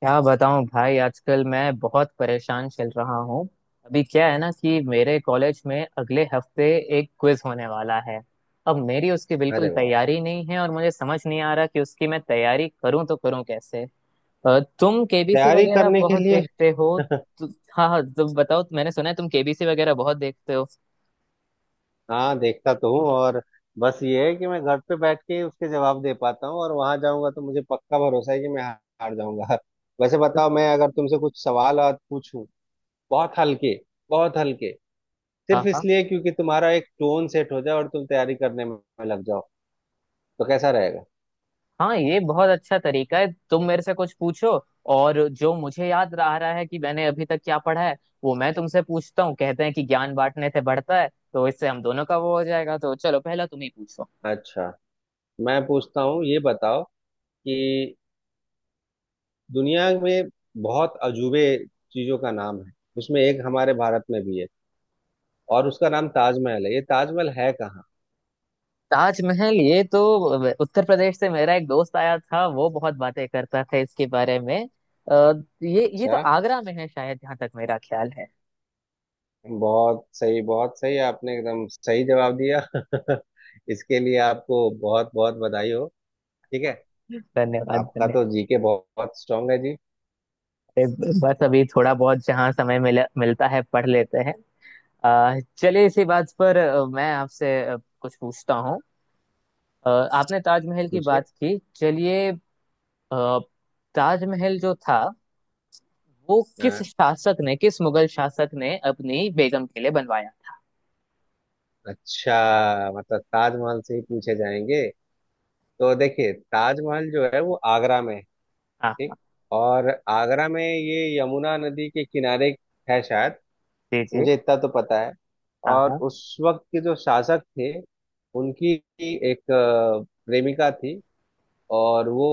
क्या बताऊं भाई, आजकल मैं बहुत परेशान चल रहा हूँ। अभी क्या है ना कि मेरे कॉलेज में अगले हफ्ते एक क्विज होने वाला है। अब मेरी उसकी बिल्कुल अरे वाह। तैयारी नहीं है और मुझे समझ नहीं आ रहा कि उसकी मैं तैयारी करूं तो करूं कैसे। तुम केबीसी तैयारी वगैरह करने के बहुत लिए देखते हो। तो, हाँ हाँ तुम बताओ, मैंने सुना है तुम केबीसी वगैरह बहुत देखते हो। हाँ, देखता तो हूँ। और बस ये है कि मैं घर पे बैठ के उसके जवाब दे पाता हूँ और वहां जाऊंगा तो मुझे पक्का भरोसा है कि मैं हार जाऊंगा। वैसे बताओ, मैं अगर तुमसे कुछ सवाल आज पूछूं बहुत हल्के, बहुत हल्के, सिर्फ हाँ हाँ इसलिए क्योंकि तुम्हारा एक टोन सेट हो जाए और तुम तैयारी करने में लग जाओ, तो कैसा रहेगा? हाँ, ये बहुत अच्छा तरीका है, तुम मेरे से कुछ पूछो और जो मुझे याद रह रहा है कि मैंने अभी तक क्या पढ़ा है वो मैं तुमसे पूछता हूँ। कहते हैं कि ज्ञान बांटने से बढ़ता है तो इससे हम दोनों का वो हो जाएगा। तो चलो, पहला तुम ही पूछो। अच्छा, मैं पूछता हूँ, ये बताओ कि दुनिया में बहुत अजूबे चीजों का नाम है। उसमें एक हमारे भारत में भी है और उसका नाम ताजमहल है। ये ताजमहल है कहाँ? ताजमहल, ये तो उत्तर प्रदेश से मेरा एक दोस्त आया था, वो बहुत बातें करता था इसके बारे में। अ, ये अच्छा, तो आगरा में है शायद, जहाँ तक मेरा ख्याल है। बहुत सही, बहुत सही, आपने एकदम सही जवाब दिया। इसके लिए आपको बहुत बहुत बधाई हो। ठीक है। धन्यवाद आपका धन्यवाद। तो जीके बहुत, बहुत स्ट्रांग है जी। बस अभी थोड़ा बहुत जहाँ समय मिलता है पढ़ लेते हैं। चलिए इसी बात पर मैं आपसे कुछ पूछता हूँ। अ, आपने ताजमहल की पूछिए। बात की, चलिए। अ, ताजमहल जो था वो किस अ, शासक ने, किस मुगल शासक ने अपनी बेगम के लिए बनवाया? अच्छा, मतलब ताजमहल से ही पूछे जाएंगे। तो देखिए, ताजमहल जो है वो आगरा में है। हाँ ठीक। हाँ। और आगरा में ये यमुना नदी के किनारे है शायद। जी जी। मुझे इतना तो पता है। हाँ और हाँ। उस वक्त के जो शासक थे, उनकी एक प्रेमिका थी। और वो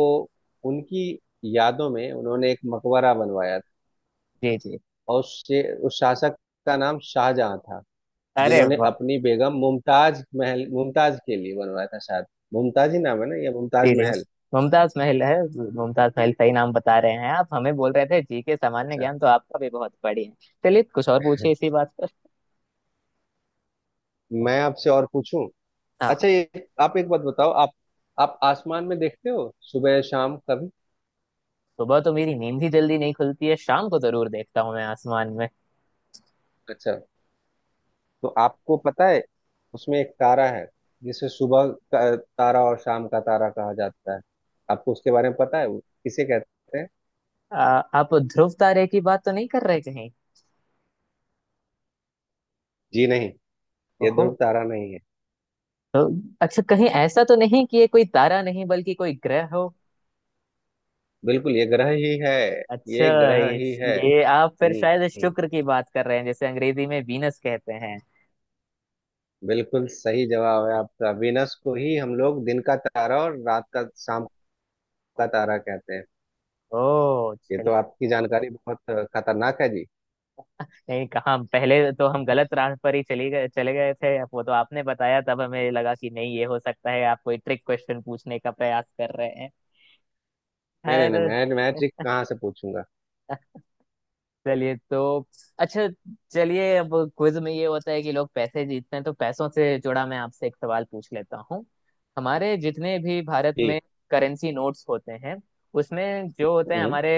उनकी यादों में उन्होंने एक मकबरा बनवाया था। जी जी। और उस शासक का नाम शाहजहां था, अरे जिन्होंने वाह। अपनी बेगम मुमताज महल मुमताज के लिए बनवाया था शायद। मुमताज ही नाम है ना, या जी मुमताज जी। महल? मुमताज महल है। मुमताज महल सही नाम बता रहे हैं आप। हमें बोल रहे थे जी के सामान्य अच्छा, ज्ञान, तो आपका भी बहुत बढ़िया है। चलिए कुछ और पूछिए इसी बात पर। मैं आपसे और पूछूं। हाँ अच्छा, हाँ। ये आप एक बात बताओ, आप आसमान में देखते हो सुबह शाम कभी? सुबह तो मेरी नींद ही जल्दी नहीं खुलती है, शाम को जरूर देखता हूँ मैं आसमान में। अच्छा, तो आपको पता है, उसमें एक तारा है जिसे सुबह का तारा और शाम का तारा कहा जाता है? आपको उसके बारे में पता है, वो किसे कहते हैं? आ, आप ध्रुव तारे की बात तो नहीं कर रहे कहीं? जी नहीं, ये ओहो। ध्रुव तारा नहीं है। तो, अच्छा, कहीं ऐसा तो नहीं कि ये कोई तारा नहीं बल्कि कोई ग्रह हो? बिल्कुल, ये ग्रह ही है। अच्छा। ये ग्रह ये, ही है। ये आप फिर हम्म शायद हम्म, शुक्र की बात कर रहे हैं, जैसे अंग्रेजी में वीनस कहते हैं। बिल्कुल सही जवाब है आपका। वीनस को ही हम लोग दिन का तारा और रात का शाम का तारा कहते हैं। ओ ये चल। तो आपकी जानकारी बहुत खतरनाक है जी। नहीं कहाँ, पहले तो हम गलत राह पर ही चली गए चले गए थे, अब वो तो आपने बताया तब हमें लगा कि नहीं, ये हो सकता है, आप कोई ट्रिक क्वेश्चन पूछने का प्रयास कर रहे हैं। नहीं नहीं नहीं, खैर। मैं ट्रिक कहाँ से पूछूंगा? चलिए तो। अच्छा। चलिए, अब क्विज में ये होता है कि लोग पैसे जीतते हैं, तो पैसों से जुड़ा मैं आपसे एक सवाल पूछ लेता हूँ। हमारे जितने भी भारत जी। में करेंसी नोट्स होते हैं उसमें जो होते हैं हम्म हमारे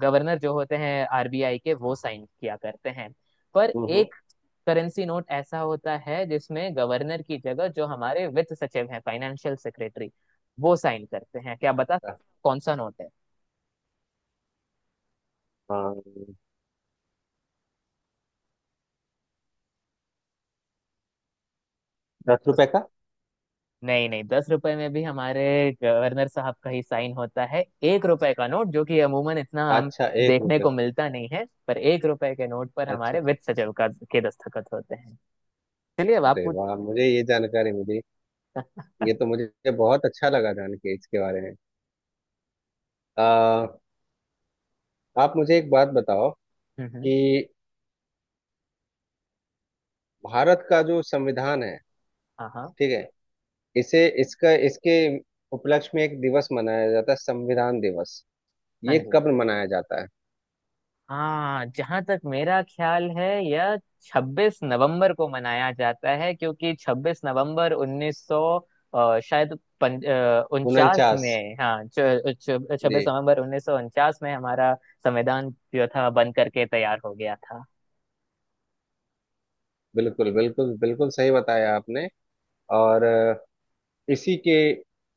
गवर्नर जो होते हैं आरबीआई के, वो साइन किया करते हैं। पर हम्म हम्म, एक करेंसी नोट ऐसा होता है जिसमें गवर्नर की जगह जो हमारे वित्त सचिव हैं, फाइनेंशियल सेक्रेटरी, वो साइन करते हैं। क्या आप बता सकते हैं कौन सा नोट है? हाँ, दस रुपए का। नहीं नहीं, 10 रुपए में भी हमारे गवर्नर साहब का ही साइन होता है। 1 रुपए का नोट, जो कि अमूमन इतना हम अच्छा, एक देखने रुपये। को मिलता नहीं है, पर 1 रुपए के नोट पर अच्छा, हमारे अच्छा। वित्त सचिव का के दस्तखत होते हैं। चलिए अब आप अरे पूछ। वाह, मुझे ये जानकारी मिली। ये तो मुझे बहुत अच्छा लगा जान के इसके बारे में। आ, आप मुझे एक बात बताओ हम्म। कि भारत का जो संविधान है, हाँ हाँ। ठीक है, इसे इसका इसके उपलक्ष्य में एक दिवस मनाया जाता है, संविधान दिवस। हाँ ये जी। कब मनाया जाता है? हाँ, जहां तक मेरा ख्याल है यह 26 नवंबर को मनाया जाता है क्योंकि 26 नवंबर 1900 शायद उनचास उनचास। में, हाँ, जी, 26 नवंबर 1949 में हमारा संविधान जो था बन करके तैयार हो गया था। बिल्कुल बिल्कुल बिल्कुल सही बताया आपने। और इसी के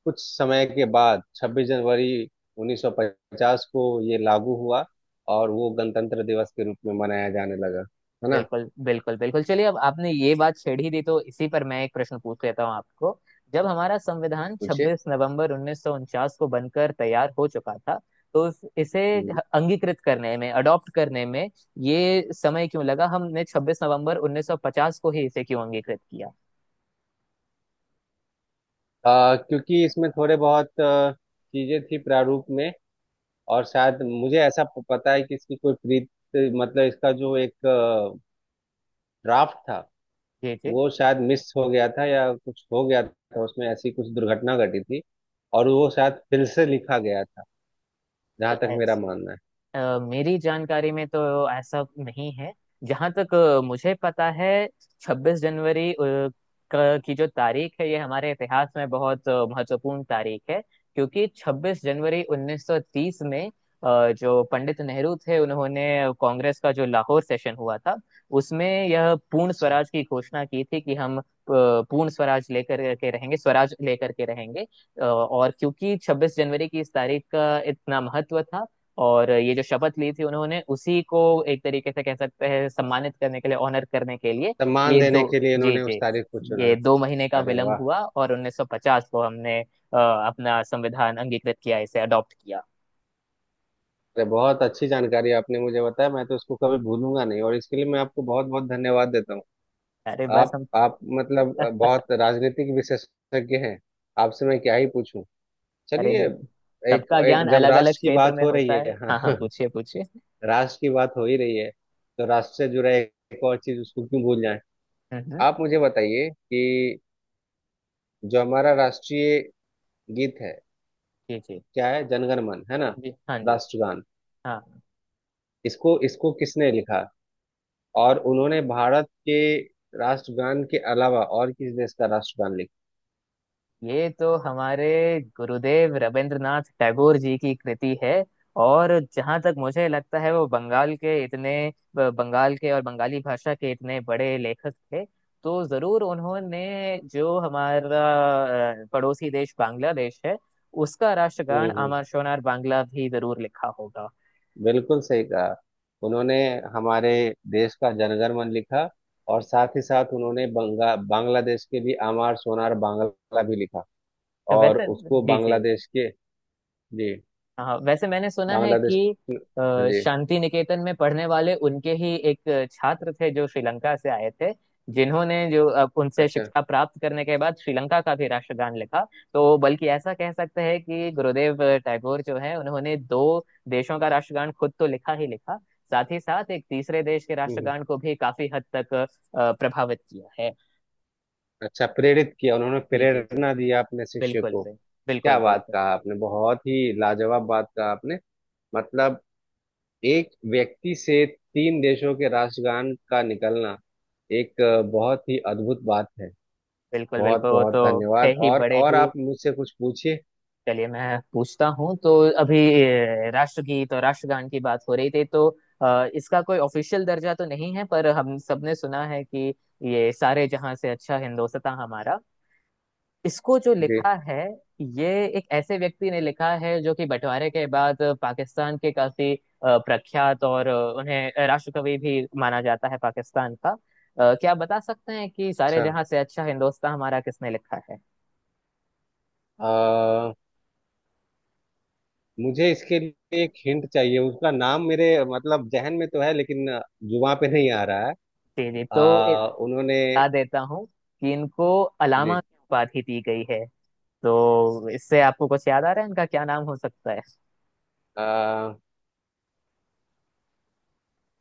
कुछ समय के बाद 26 जनवरी 1950 को ये लागू हुआ, और वो गणतंत्र दिवस के रूप में मनाया जाने लगा, है ना? बिल्कुल बिल्कुल बिल्कुल। चलिए, अब आपने ये बात छेड़ ही दी तो इसी पर मैं एक प्रश्न पूछ लेता हूँ आपको। जब हमारा संविधान पूछिए। 26 नवंबर 1949 को बनकर तैयार हो चुका था तो इसे हम्म। अंगीकृत करने में, अडॉप्ट करने में, ये समय क्यों लगा? हमने 26 नवंबर 1950 को ही इसे क्यों अंगीकृत किया? क्योंकि इसमें थोड़े बहुत चीजें थी प्रारूप में। और शायद मुझे ऐसा पता है कि इसकी कोई प्रीत, मतलब इसका जो एक ड्राफ्ट था, जी जी। वो शायद मिस हो गया था या कुछ हो गया था। उसमें ऐसी कुछ दुर्घटना घटी थी और वो शायद फिर से लिखा गया था, जहां तो तक मेरा मानना है। मेरी जानकारी में तो ऐसा नहीं है। जहाँ तक मुझे पता है 26 जनवरी की जो तारीख है ये हमारे इतिहास में बहुत महत्वपूर्ण तारीख है, क्योंकि 26 जनवरी 1930 में जो पंडित नेहरू थे उन्होंने कांग्रेस का जो लाहौर सेशन हुआ था उसमें यह पूर्ण अच्छा। स्वराज की घोषणा की थी कि हम पूर्ण स्वराज लेकर के रहेंगे, स्वराज लेकर के रहेंगे। और क्योंकि 26 जनवरी की इस तारीख का इतना महत्व था और ये जो शपथ ली थी उन्होंने, उसी को एक तरीके से कह सकते हैं सम्मानित करने के लिए, ऑनर करने के लिए, सम्मान ये देने दो। के लिए जी इन्होंने उस जी। तारीख को चुना। ये 2 महीने का अरे विलंब वाह, हुआ और 1950 को हमने अपना संविधान अंगीकृत किया, इसे अडॉप्ट किया। अरे बहुत अच्छी जानकारी आपने मुझे बताया। मैं तो इसको कभी भूलूंगा नहीं, और इसके लिए मैं आपको बहुत बहुत धन्यवाद देता हूँ। अरे बस आप हम। आप मतलब बहुत राजनीतिक विशेषज्ञ हैं। आपसे मैं क्या ही पूछूं। अरे चलिए। नहीं। एक सबका ज्ञान एक जब अलग अलग राष्ट्र की क्षेत्र बात में हो रही होता है। है हाँ हाँ, हाँ, पूछिए पूछिए। राष्ट्र की बात हो ही रही है, तो राष्ट्र से जुड़ा एक एक और चीज उसको क्यों भूल जाए। हम्म। आप मुझे बताइए कि जो हमारा राष्ट्रीय गीत है, जी जी क्या है? जनगण मन है ना, जी। हाँ। जी राष्ट्रगान? हाँ। इसको इसको किसने लिखा? और उन्होंने भारत के राष्ट्रगान के अलावा और किस देश का राष्ट्रगान लिखा? ये तो हमारे गुरुदेव रविंद्रनाथ टैगोर जी की कृति है। और जहाँ तक मुझे लगता है वो बंगाल के इतने, बंगाल के और बंगाली भाषा के इतने बड़े लेखक थे तो जरूर उन्होंने जो हमारा पड़ोसी देश बांग्लादेश है उसका राष्ट्रगान हम्म हम्म, अमर शोनार बांग्ला भी जरूर लिखा होगा। बिल्कुल सही कहा उन्होंने। हमारे देश का जनगण मन लिखा, और साथ ही साथ उन्होंने बंगा बांग्लादेश के भी आमार सोनार बांग्ला भी लिखा। तो और वैसे, उसको जी जी, बांग्लादेश के जी, हाँ वैसे मैंने सुना है बांग्लादेश कि जी, शांति निकेतन में पढ़ने वाले उनके ही एक छात्र थे जो श्रीलंका से आए थे, जिन्होंने जो अब उनसे अच्छा। शिक्षा प्राप्त करने के बाद श्रीलंका का भी राष्ट्रगान लिखा। तो बल्कि ऐसा कह सकते हैं कि गुरुदेव टैगोर जो है उन्होंने दो देशों का राष्ट्रगान खुद तो लिखा ही लिखा, साथ ही साथ एक तीसरे देश के हम्म हम्म, राष्ट्रगान को भी काफी हद तक प्रभावित किया है। अच्छा, प्रेरित किया उन्होंने, जी जी जी। प्रेरणा दिया अपने शिष्य बिल्कुल को। बिल्कुल क्या बिल्कुल बात बिल्कुल। कहा आपने, बहुत ही लाजवाब बात कहा आपने। मतलब एक व्यक्ति से तीन देशों के राष्ट्रगान का निकलना एक बहुत ही अद्भुत बात है। बिल्कुल बहुत बिल्कुल वो बहुत तो थे धन्यवाद, ही बड़े और ही। आप मुझसे कुछ पूछिए। चलिए मैं पूछता हूँ, तो अभी राष्ट्रगीत और राष्ट्रगान की बात हो रही थी, तो इसका कोई ऑफिशियल दर्जा तो नहीं है पर हम सबने सुना है कि ये सारे जहां से अच्छा हिंदोसतां हमारा, इसको जो जी, लिखा है, ये एक ऐसे व्यक्ति ने लिखा है जो कि बंटवारे के बाद पाकिस्तान के काफी प्रख्यात और उन्हें राष्ट्रकवि भी माना जाता है पाकिस्तान का। क्या आप बता सकते हैं कि सारे अच्छा, जहां से अच्छा हिंदोसतां हमारा किसने लिखा है? अ, मुझे इसके लिए एक हिंट चाहिए। उसका नाम मेरे, मतलब जहन में तो है, लेकिन जुबां पे नहीं आ रहा है। जी जी। तो उन्होंने बता देता हूँ कि इनको अलामा जी की उपाधि दी गई है, तो इससे आपको कुछ याद आ रहा है इनका क्या नाम हो सकता है? अ,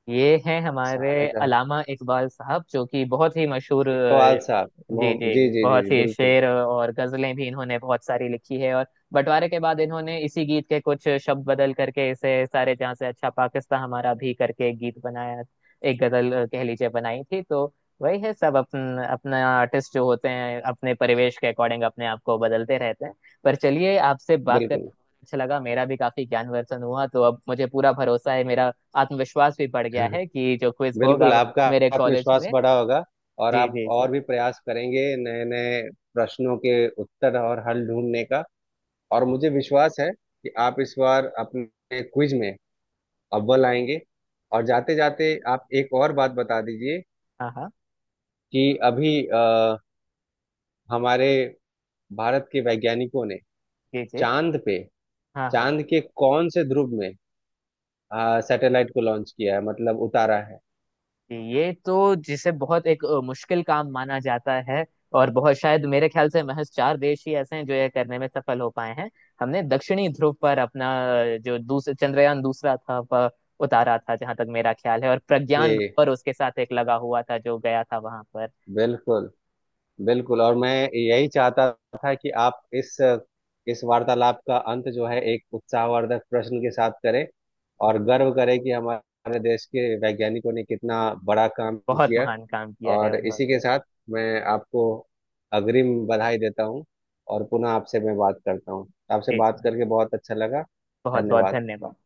ये हैं हमारे सारे जहां, अलामा इकबाल साहब, जो कि बहुत ही मशहूर इकबाल साहब, जी मोहम्मद जी जी, जी जी बहुत जी, ही बिल्कुल शेर और गजलें भी इन्होंने बहुत सारी लिखी है, और बंटवारे के बाद इन्होंने इसी गीत के कुछ शब्द बदल करके इसे सारे जहां से अच्छा पाकिस्तान हमारा भी करके एक गीत बनाया, एक गजल कह लीजिए, बनाई थी। तो वही है, सब अपन अपना आर्टिस्ट जो होते हैं अपने परिवेश के अकॉर्डिंग अपने आप को बदलते रहते हैं। पर चलिए, आपसे बात करके बिल्कुल। बहुत अच्छा लगा, मेरा भी काफी ज्ञानवर्धन हुआ। तो अब मुझे पूरा भरोसा है, मेरा आत्मविश्वास भी बढ़ गया है कि जो क्विज बिल्कुल, होगा आपका मेरे कॉलेज आत्मविश्वास में। बढ़ा होगा, और जी आप जी जी। और भी प्रयास करेंगे नए नए प्रश्नों के उत्तर और हल ढूंढने का। और मुझे विश्वास है कि आप इस बार अपने क्विज में अव्वल आएंगे। और जाते जाते आप एक और बात बता दीजिए हाँ हाँ। कि अभी हमारे भारत के वैज्ञानिकों ने जी जी। चांद पे, हाँ हाँ। चांद के कौन से ध्रुव में सैटेलाइट को लॉन्च किया है, मतलब उतारा है? जी, ये तो जिसे बहुत एक मुश्किल काम माना जाता है और बहुत शायद मेरे ख्याल से महज चार देश ही ऐसे हैं जो ये करने में सफल हो पाए हैं। हमने दक्षिणी ध्रुव पर अपना जो दूसरा चंद्रयान दूसरा था वह उतारा था जहां तक मेरा ख्याल है, और प्रज्ञान जी, रोवर उसके साथ एक लगा हुआ था जो गया था वहां पर। बिल्कुल बिल्कुल। और मैं यही चाहता था कि आप इस वार्तालाप का अंत जो है, एक उत्साहवर्धक प्रश्न के साथ करें, और गर्व करें कि हमारे देश के वैज्ञानिकों ने कितना बड़ा काम बहुत किया। महान काम किया है और इसी के उन्होंने। साथ मैं आपको अग्रिम बधाई देता हूँ, और पुनः आपसे मैं बात करता हूँ। आपसे जी जी। बात करके बहुत अच्छा लगा। बहुत बहुत धन्यवाद। धन्यवाद।